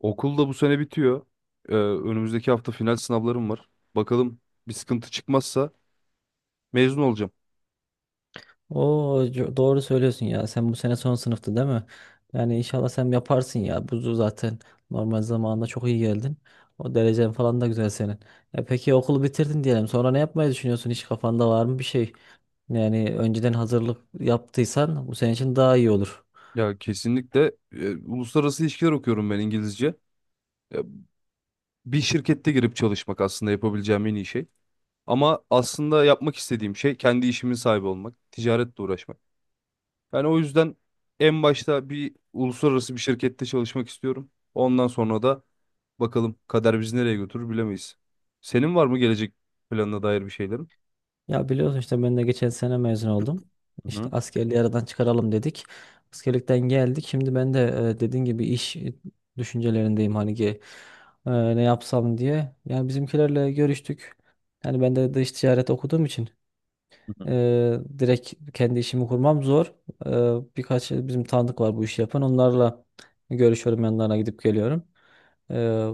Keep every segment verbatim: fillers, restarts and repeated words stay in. Okul da bu sene bitiyor. Ee, önümüzdeki hafta final sınavlarım var. Bakalım bir sıkıntı çıkmazsa mezun olacağım. Oo, co- doğru söylüyorsun ya. Sen bu sene son sınıftı değil mi? Yani inşallah sen yaparsın ya. Bu zaten normal zamanında çok iyi geldin. O derecen falan da güzel senin. E peki okulu bitirdin diyelim. Sonra ne yapmayı düşünüyorsun? Hiç kafanda var mı bir şey? Yani önceden hazırlık yaptıysan bu senin için daha iyi olur. Ya kesinlikle e, uluslararası ilişkiler okuyorum ben İngilizce. Ya, bir şirkette girip çalışmak aslında yapabileceğim en iyi şey. Ama aslında yapmak istediğim şey kendi işimin sahibi olmak, ticaretle uğraşmak. Yani o yüzden en başta bir uluslararası bir şirkette çalışmak istiyorum. Ondan sonra da bakalım kader bizi nereye götürür bilemeyiz. Senin var mı gelecek planına dair bir şeylerin? Ya biliyorsun işte ben de geçen sene mezun oldum. İşte Hı askerliği aradan çıkaralım dedik. Askerlikten geldik. Şimdi ben de e, dediğin gibi iş e, düşüncelerindeyim hani ki e, ne yapsam diye. Yani bizimkilerle görüştük. Yani ben de dış ticaret okuduğum için hı. e, direkt kendi işimi kurmam zor. E, birkaç bizim tanıdık var bu işi yapan. Onlarla görüşüyorum yanlarına gidip geliyorum. Ee,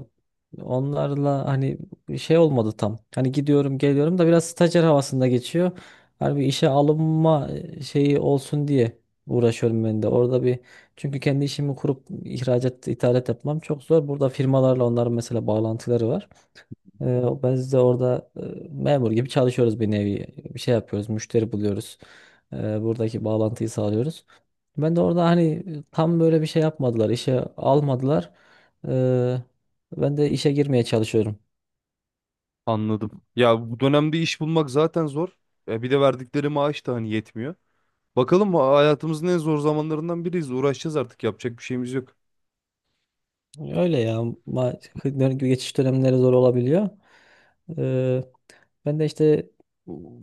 onlarla hani şey olmadı tam. Hani gidiyorum geliyorum da biraz stajyer havasında geçiyor. Hani bir işe alınma şeyi olsun diye uğraşıyorum ben de. Orada bir çünkü kendi işimi kurup ihracat, ithalat yapmam çok zor. Burada firmalarla onların mesela bağlantıları var. Ee, biz de orada e, memur gibi çalışıyoruz bir nevi. Bir şey yapıyoruz, müşteri buluyoruz. Ee, buradaki bağlantıyı sağlıyoruz. Ben de orada hani e, tam böyle bir şey yapmadılar, işe almadılar. Ee, ben de işe girmeye çalışıyorum. Anladım. Ya bu dönemde iş bulmak zaten zor. E bir de verdikleri maaş da hani yetmiyor. Bakalım ha- hayatımızın en zor zamanlarından biriyiz. Uğraşacağız artık. Yapacak bir şeyimiz yok. Öyle ya, ma geçiş dönemleri zor olabiliyor. Ee, Ben de işte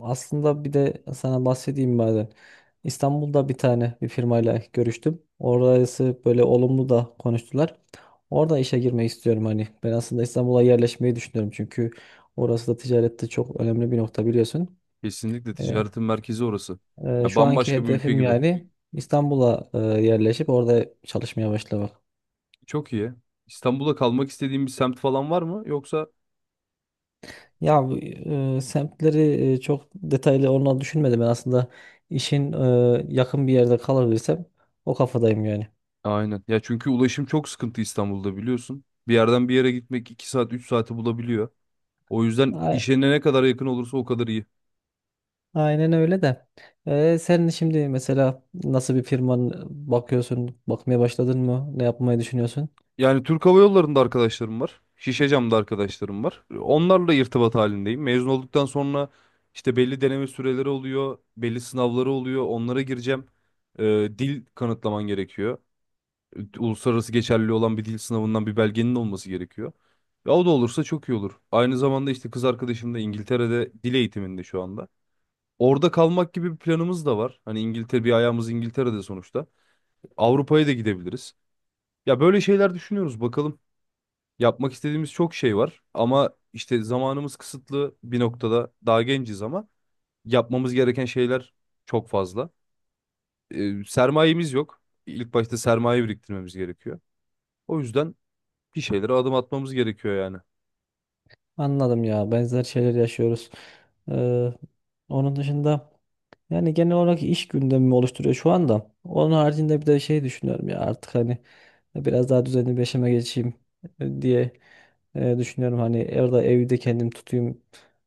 aslında bir de sana bahsedeyim madem. İstanbul'da bir tane bir firmayla görüştüm. Orası böyle olumlu da konuştular. Orada işe girmeyi istiyorum hani. Ben aslında İstanbul'a yerleşmeyi düşünüyorum çünkü orası da ticarette çok önemli bir nokta biliyorsun. Kesinlikle Ee, ticaretin merkezi orası. e, Ya şu anki bambaşka bir ülke hedefim gibi. yani İstanbul'a e, yerleşip orada çalışmaya başlamak. Çok iyi. İstanbul'da kalmak istediğin bir semt falan var mı? Yoksa Ya bu, e, semtleri e, çok detaylı olma düşünmedim. Ben aslında işin e, yakın bir yerde kalabilirsem o kafadayım yani. aynen. Ya çünkü ulaşım çok sıkıntı İstanbul'da biliyorsun. Bir yerden bir yere gitmek iki saat üç saati bulabiliyor. O yüzden A- işine ne kadar yakın olursa o kadar iyi. Aynen öyle de. E, sen şimdi mesela nasıl bir firman bakıyorsun? Bakmaya başladın mı? Ne yapmayı düşünüyorsun? Yani Türk Hava Yolları'nda arkadaşlarım var. Şişecam'da arkadaşlarım var. Onlarla irtibat halindeyim. Mezun olduktan sonra işte belli deneme süreleri oluyor, belli sınavları oluyor. Onlara gireceğim. Ee, Dil kanıtlaman gerekiyor. Uluslararası geçerli olan bir dil sınavından bir belgenin olması gerekiyor. Ya o da olursa çok iyi olur. Aynı zamanda işte kız arkadaşım da İngiltere'de dil eğitiminde şu anda. Orada kalmak gibi bir planımız da var. Hani İngiltere bir ayağımız İngiltere'de sonuçta. Avrupa'ya da gidebiliriz. Ya böyle şeyler düşünüyoruz bakalım. Yapmak istediğimiz çok şey var ama işte zamanımız kısıtlı bir noktada daha genciz ama yapmamız gereken şeyler çok fazla. Ee, sermayemiz yok. İlk başta sermaye biriktirmemiz gerekiyor. O yüzden bir şeylere adım atmamız gerekiyor yani. Anladım ya. Benzer şeyler yaşıyoruz. E, onun dışında. Yani genel olarak iş gündemimi oluşturuyor şu anda. Onun haricinde bir de şey düşünüyorum ya artık hani biraz daha düzenli bir yaşama geçeyim e, diye e, düşünüyorum. Hani orada evde kendim tutayım.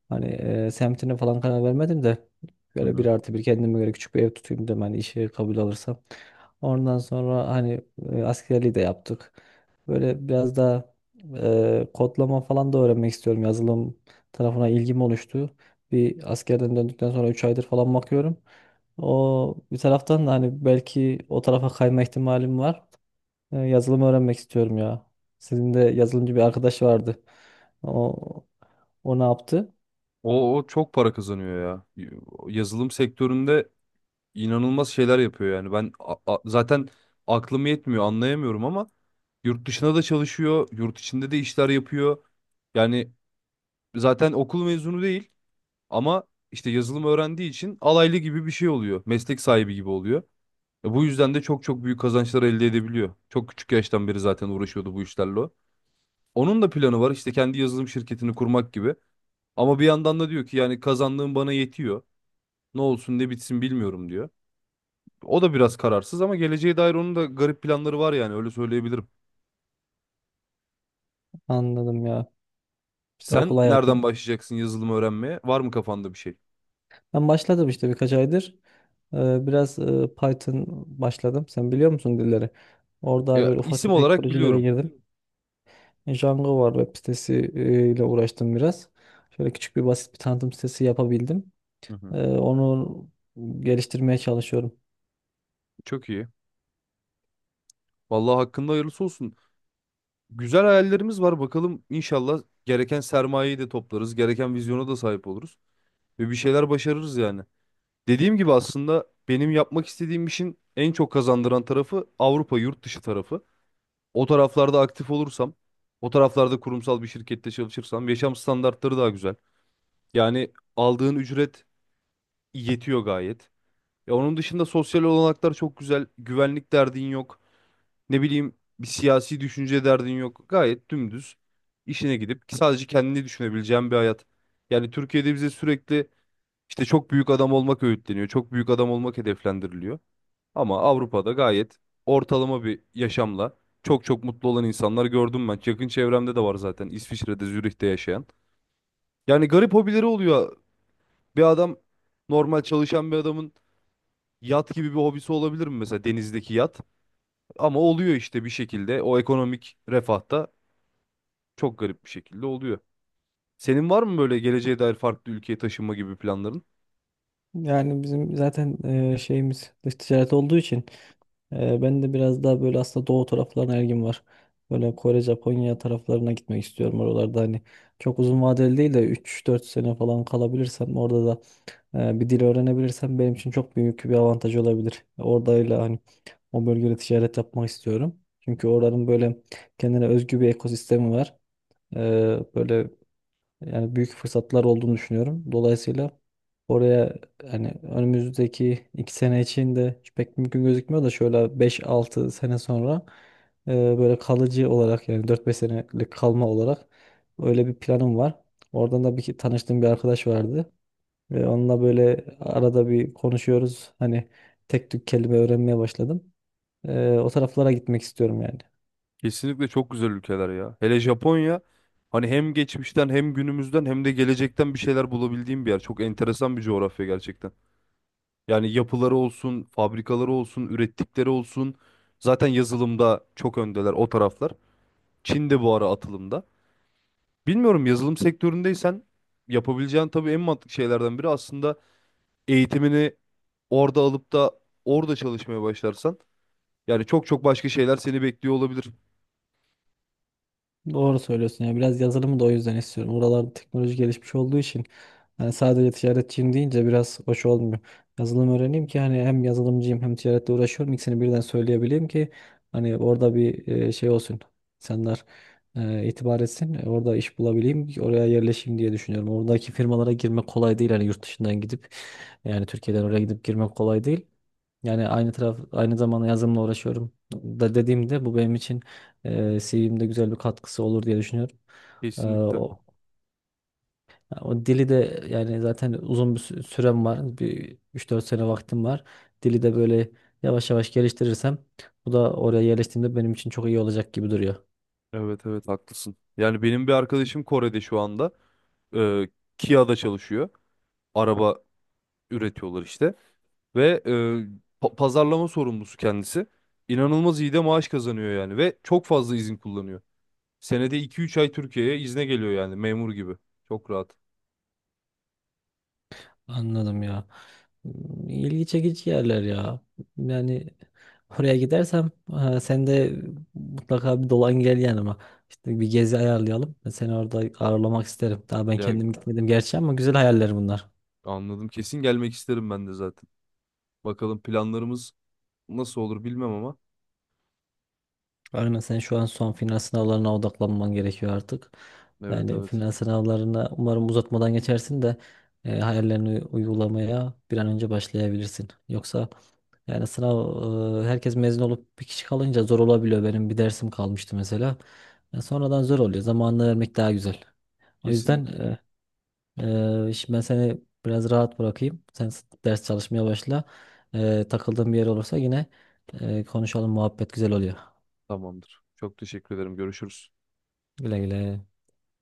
Hani e, semtine falan karar vermedim de Hı böyle bir hı. artı bir kendime göre küçük bir ev tutayım dedim hani işe kabul alırsam. Ondan sonra hani e, askerliği de yaptık. Böyle biraz daha e, kodlama falan da öğrenmek istiyorum. Yazılım tarafına ilgim oluştu. Bir askerden döndükten sonra üç aydır falan bakıyorum. O bir taraftan da hani belki o tarafa kayma ihtimalim var. E, yazılım öğrenmek istiyorum ya. Sizin de yazılımcı bir arkadaş vardı. O, o ne yaptı? O, o çok para kazanıyor ya. Yazılım sektöründe inanılmaz şeyler yapıyor yani. Ben a- a- zaten aklım yetmiyor, anlayamıyorum ama yurt dışına da çalışıyor, yurt içinde de işler yapıyor. Yani zaten okul mezunu değil. Ama işte yazılım öğrendiği için alaylı gibi bir şey oluyor. Meslek sahibi gibi oluyor. E bu yüzden de çok çok büyük kazançlar elde edebiliyor. Çok küçük yaştan beri zaten uğraşıyordu bu işlerle o. Onun da planı var işte kendi yazılım şirketini kurmak gibi. Ama bir yandan da diyor ki yani kazandığım bana yetiyor. Ne olsun ne bitsin bilmiyorum diyor. O da biraz kararsız ama geleceğe dair onun da garip planları var yani öyle söyleyebilirim. Anladım ya. İşte okul Sen hayatı. nereden başlayacaksın yazılım öğrenmeye? Var mı kafanda bir şey? Ben başladım işte birkaç aydır. Ee, biraz e, Python başladım. Sen biliyor musun dilleri? Orada hani Ya, böyle ufak isim tefek olarak projelere biliyorum. girdim. Django var, web sitesi e, ile uğraştım biraz. Şöyle küçük bir basit bir tanıtım sitesi yapabildim. Hı hı. Ee, onu geliştirmeye çalışıyorum. Çok iyi. Vallahi hakkında hayırlısı olsun. Güzel hayallerimiz var. Bakalım inşallah gereken sermayeyi de toplarız. Gereken vizyona da sahip oluruz. Ve bir şeyler başarırız yani. Dediğim gibi aslında benim yapmak istediğim işin en çok kazandıran tarafı Avrupa yurt dışı tarafı. O taraflarda aktif olursam, o taraflarda kurumsal bir şirkette çalışırsam yaşam standartları daha güzel. Yani aldığın ücret yetiyor gayet. Ya onun dışında sosyal olanaklar çok güzel. Güvenlik derdin yok. Ne bileyim bir siyasi düşünce derdin yok. Gayet dümdüz işine gidip sadece kendini düşünebileceğin bir hayat. Yani Türkiye'de bize sürekli işte çok büyük adam olmak öğütleniyor. Çok büyük adam olmak hedeflendiriliyor. Ama Avrupa'da gayet ortalama bir yaşamla çok çok mutlu olan insanlar gördüm ben. Yakın çevremde de var zaten İsviçre'de, Zürih'te yaşayan. Yani garip hobileri oluyor. Bir adam normal çalışan bir adamın yat gibi bir hobisi olabilir mi mesela denizdeki yat? Ama oluyor işte bir şekilde o ekonomik refahta çok garip bir şekilde oluyor. Senin var mı böyle geleceğe dair farklı ülkeye taşınma gibi planların? Yani bizim zaten e, şeyimiz dış ticaret olduğu için Ee, ben de biraz daha böyle aslında doğu taraflarına ilgim var. Böyle Kore, Japonya taraflarına gitmek istiyorum. Oralarda hani çok uzun vadeli değil de üç dört sene falan kalabilirsem orada da e, bir dil öğrenebilirsem benim için çok büyük bir avantaj olabilir. Oradayla hani o bölgede ticaret yapmak istiyorum. Çünkü oranın böyle kendine özgü bir ekosistemi var. Ee, böyle yani büyük fırsatlar olduğunu düşünüyorum. Dolayısıyla oraya hani önümüzdeki iki sene için de hiç pek mümkün gözükmüyor da şöyle beş altı sene sonra e, böyle kalıcı olarak yani dört beş senelik kalma olarak öyle bir planım var. Oradan da bir ki- tanıştığım bir arkadaş vardı. Ve onunla böyle arada bir konuşuyoruz. Hani tek tük kelime öğrenmeye başladım. Ee, o taraflara gitmek istiyorum yani. Kesinlikle çok güzel ülkeler ya. Hele Japonya hani hem geçmişten hem günümüzden hem de gelecekten bir şeyler bulabildiğim bir yer. Çok enteresan bir coğrafya gerçekten. Yani yapıları olsun, fabrikaları olsun, ürettikleri olsun. Zaten yazılımda çok öndeler o taraflar. Çin de bu ara atılımda. Bilmiyorum yazılım sektöründeysen yapabileceğin tabii en mantıklı şeylerden biri aslında eğitimini orada alıp da orada çalışmaya başlarsan yani çok çok başka şeyler seni bekliyor olabilir. Doğru söylüyorsun ya. Biraz yazılımı da o yüzden istiyorum. Oralarda teknoloji gelişmiş olduğu için hani sadece ticaretçiyim deyince biraz hoş olmuyor. Yazılım öğreneyim ki hani hem yazılımcıyım hem ticaretle uğraşıyorum. İkisini birden söyleyebileyim ki hani orada bir e, şey olsun. İnsanlar e, itibar etsin. E, orada iş bulabileyim ki oraya yerleşeyim diye düşünüyorum. Oradaki firmalara girmek kolay değil. Hani yurt dışından gidip yani Türkiye'den oraya gidip girmek kolay değil. Yani aynı taraf aynı zamanda yazılımla uğraşıyorum da dediğimde bu benim için e, C V'mde güzel bir katkısı olur diye düşünüyorum. E, Kesinlikle. o, o dili de yani zaten uzun bir sü- sürem var. Bir üç dört sene vaktim var. Dili de böyle yavaş yavaş geliştirirsem bu da oraya yerleştiğimde benim için çok iyi olacak gibi duruyor. Evet, evet, haklısın. Yani benim bir arkadaşım Kore'de şu anda e, Kia'da çalışıyor. Araba üretiyorlar işte ve e, pa- pazarlama sorumlusu kendisi. İnanılmaz iyi de maaş kazanıyor yani ve çok fazla izin kullanıyor. Senede iki üç ay Türkiye'ye izne geliyor yani memur gibi. Çok rahat. Anladım ya. Hmm, İlgi çekici yerler ya. Yani oraya gidersem e, sen de mutlaka bir dolan gel yanıma. İşte bir gezi ayarlayalım. Ben seni orada ağırlamak isterim. Daha ben Ya, kendim gitmedim gerçi ama güzel hayaller bunlar. anladım. Kesin gelmek isterim ben de zaten. Bakalım planlarımız nasıl olur bilmem ama. Aynen, sen şu an son final sınavlarına odaklanman gerekiyor artık. Evet, Yani evet. final sınavlarına umarım uzatmadan geçersin de e, hayallerini uygulamaya bir an önce başlayabilirsin. Yoksa yani sınav e, herkes mezun olup bir kişi kalınca zor olabiliyor. Benim bir dersim kalmıştı mesela. Ya sonradan zor oluyor. Zamanını vermek daha güzel. O yüzden Kesinlikle. e, e, şimdi ben seni biraz rahat bırakayım. Sen s- ders çalışmaya başla. E, takıldığın bir yer olursa yine e, konuşalım. Muhabbet güzel oluyor. Tamamdır. Çok teşekkür ederim. Görüşürüz. Güle güle.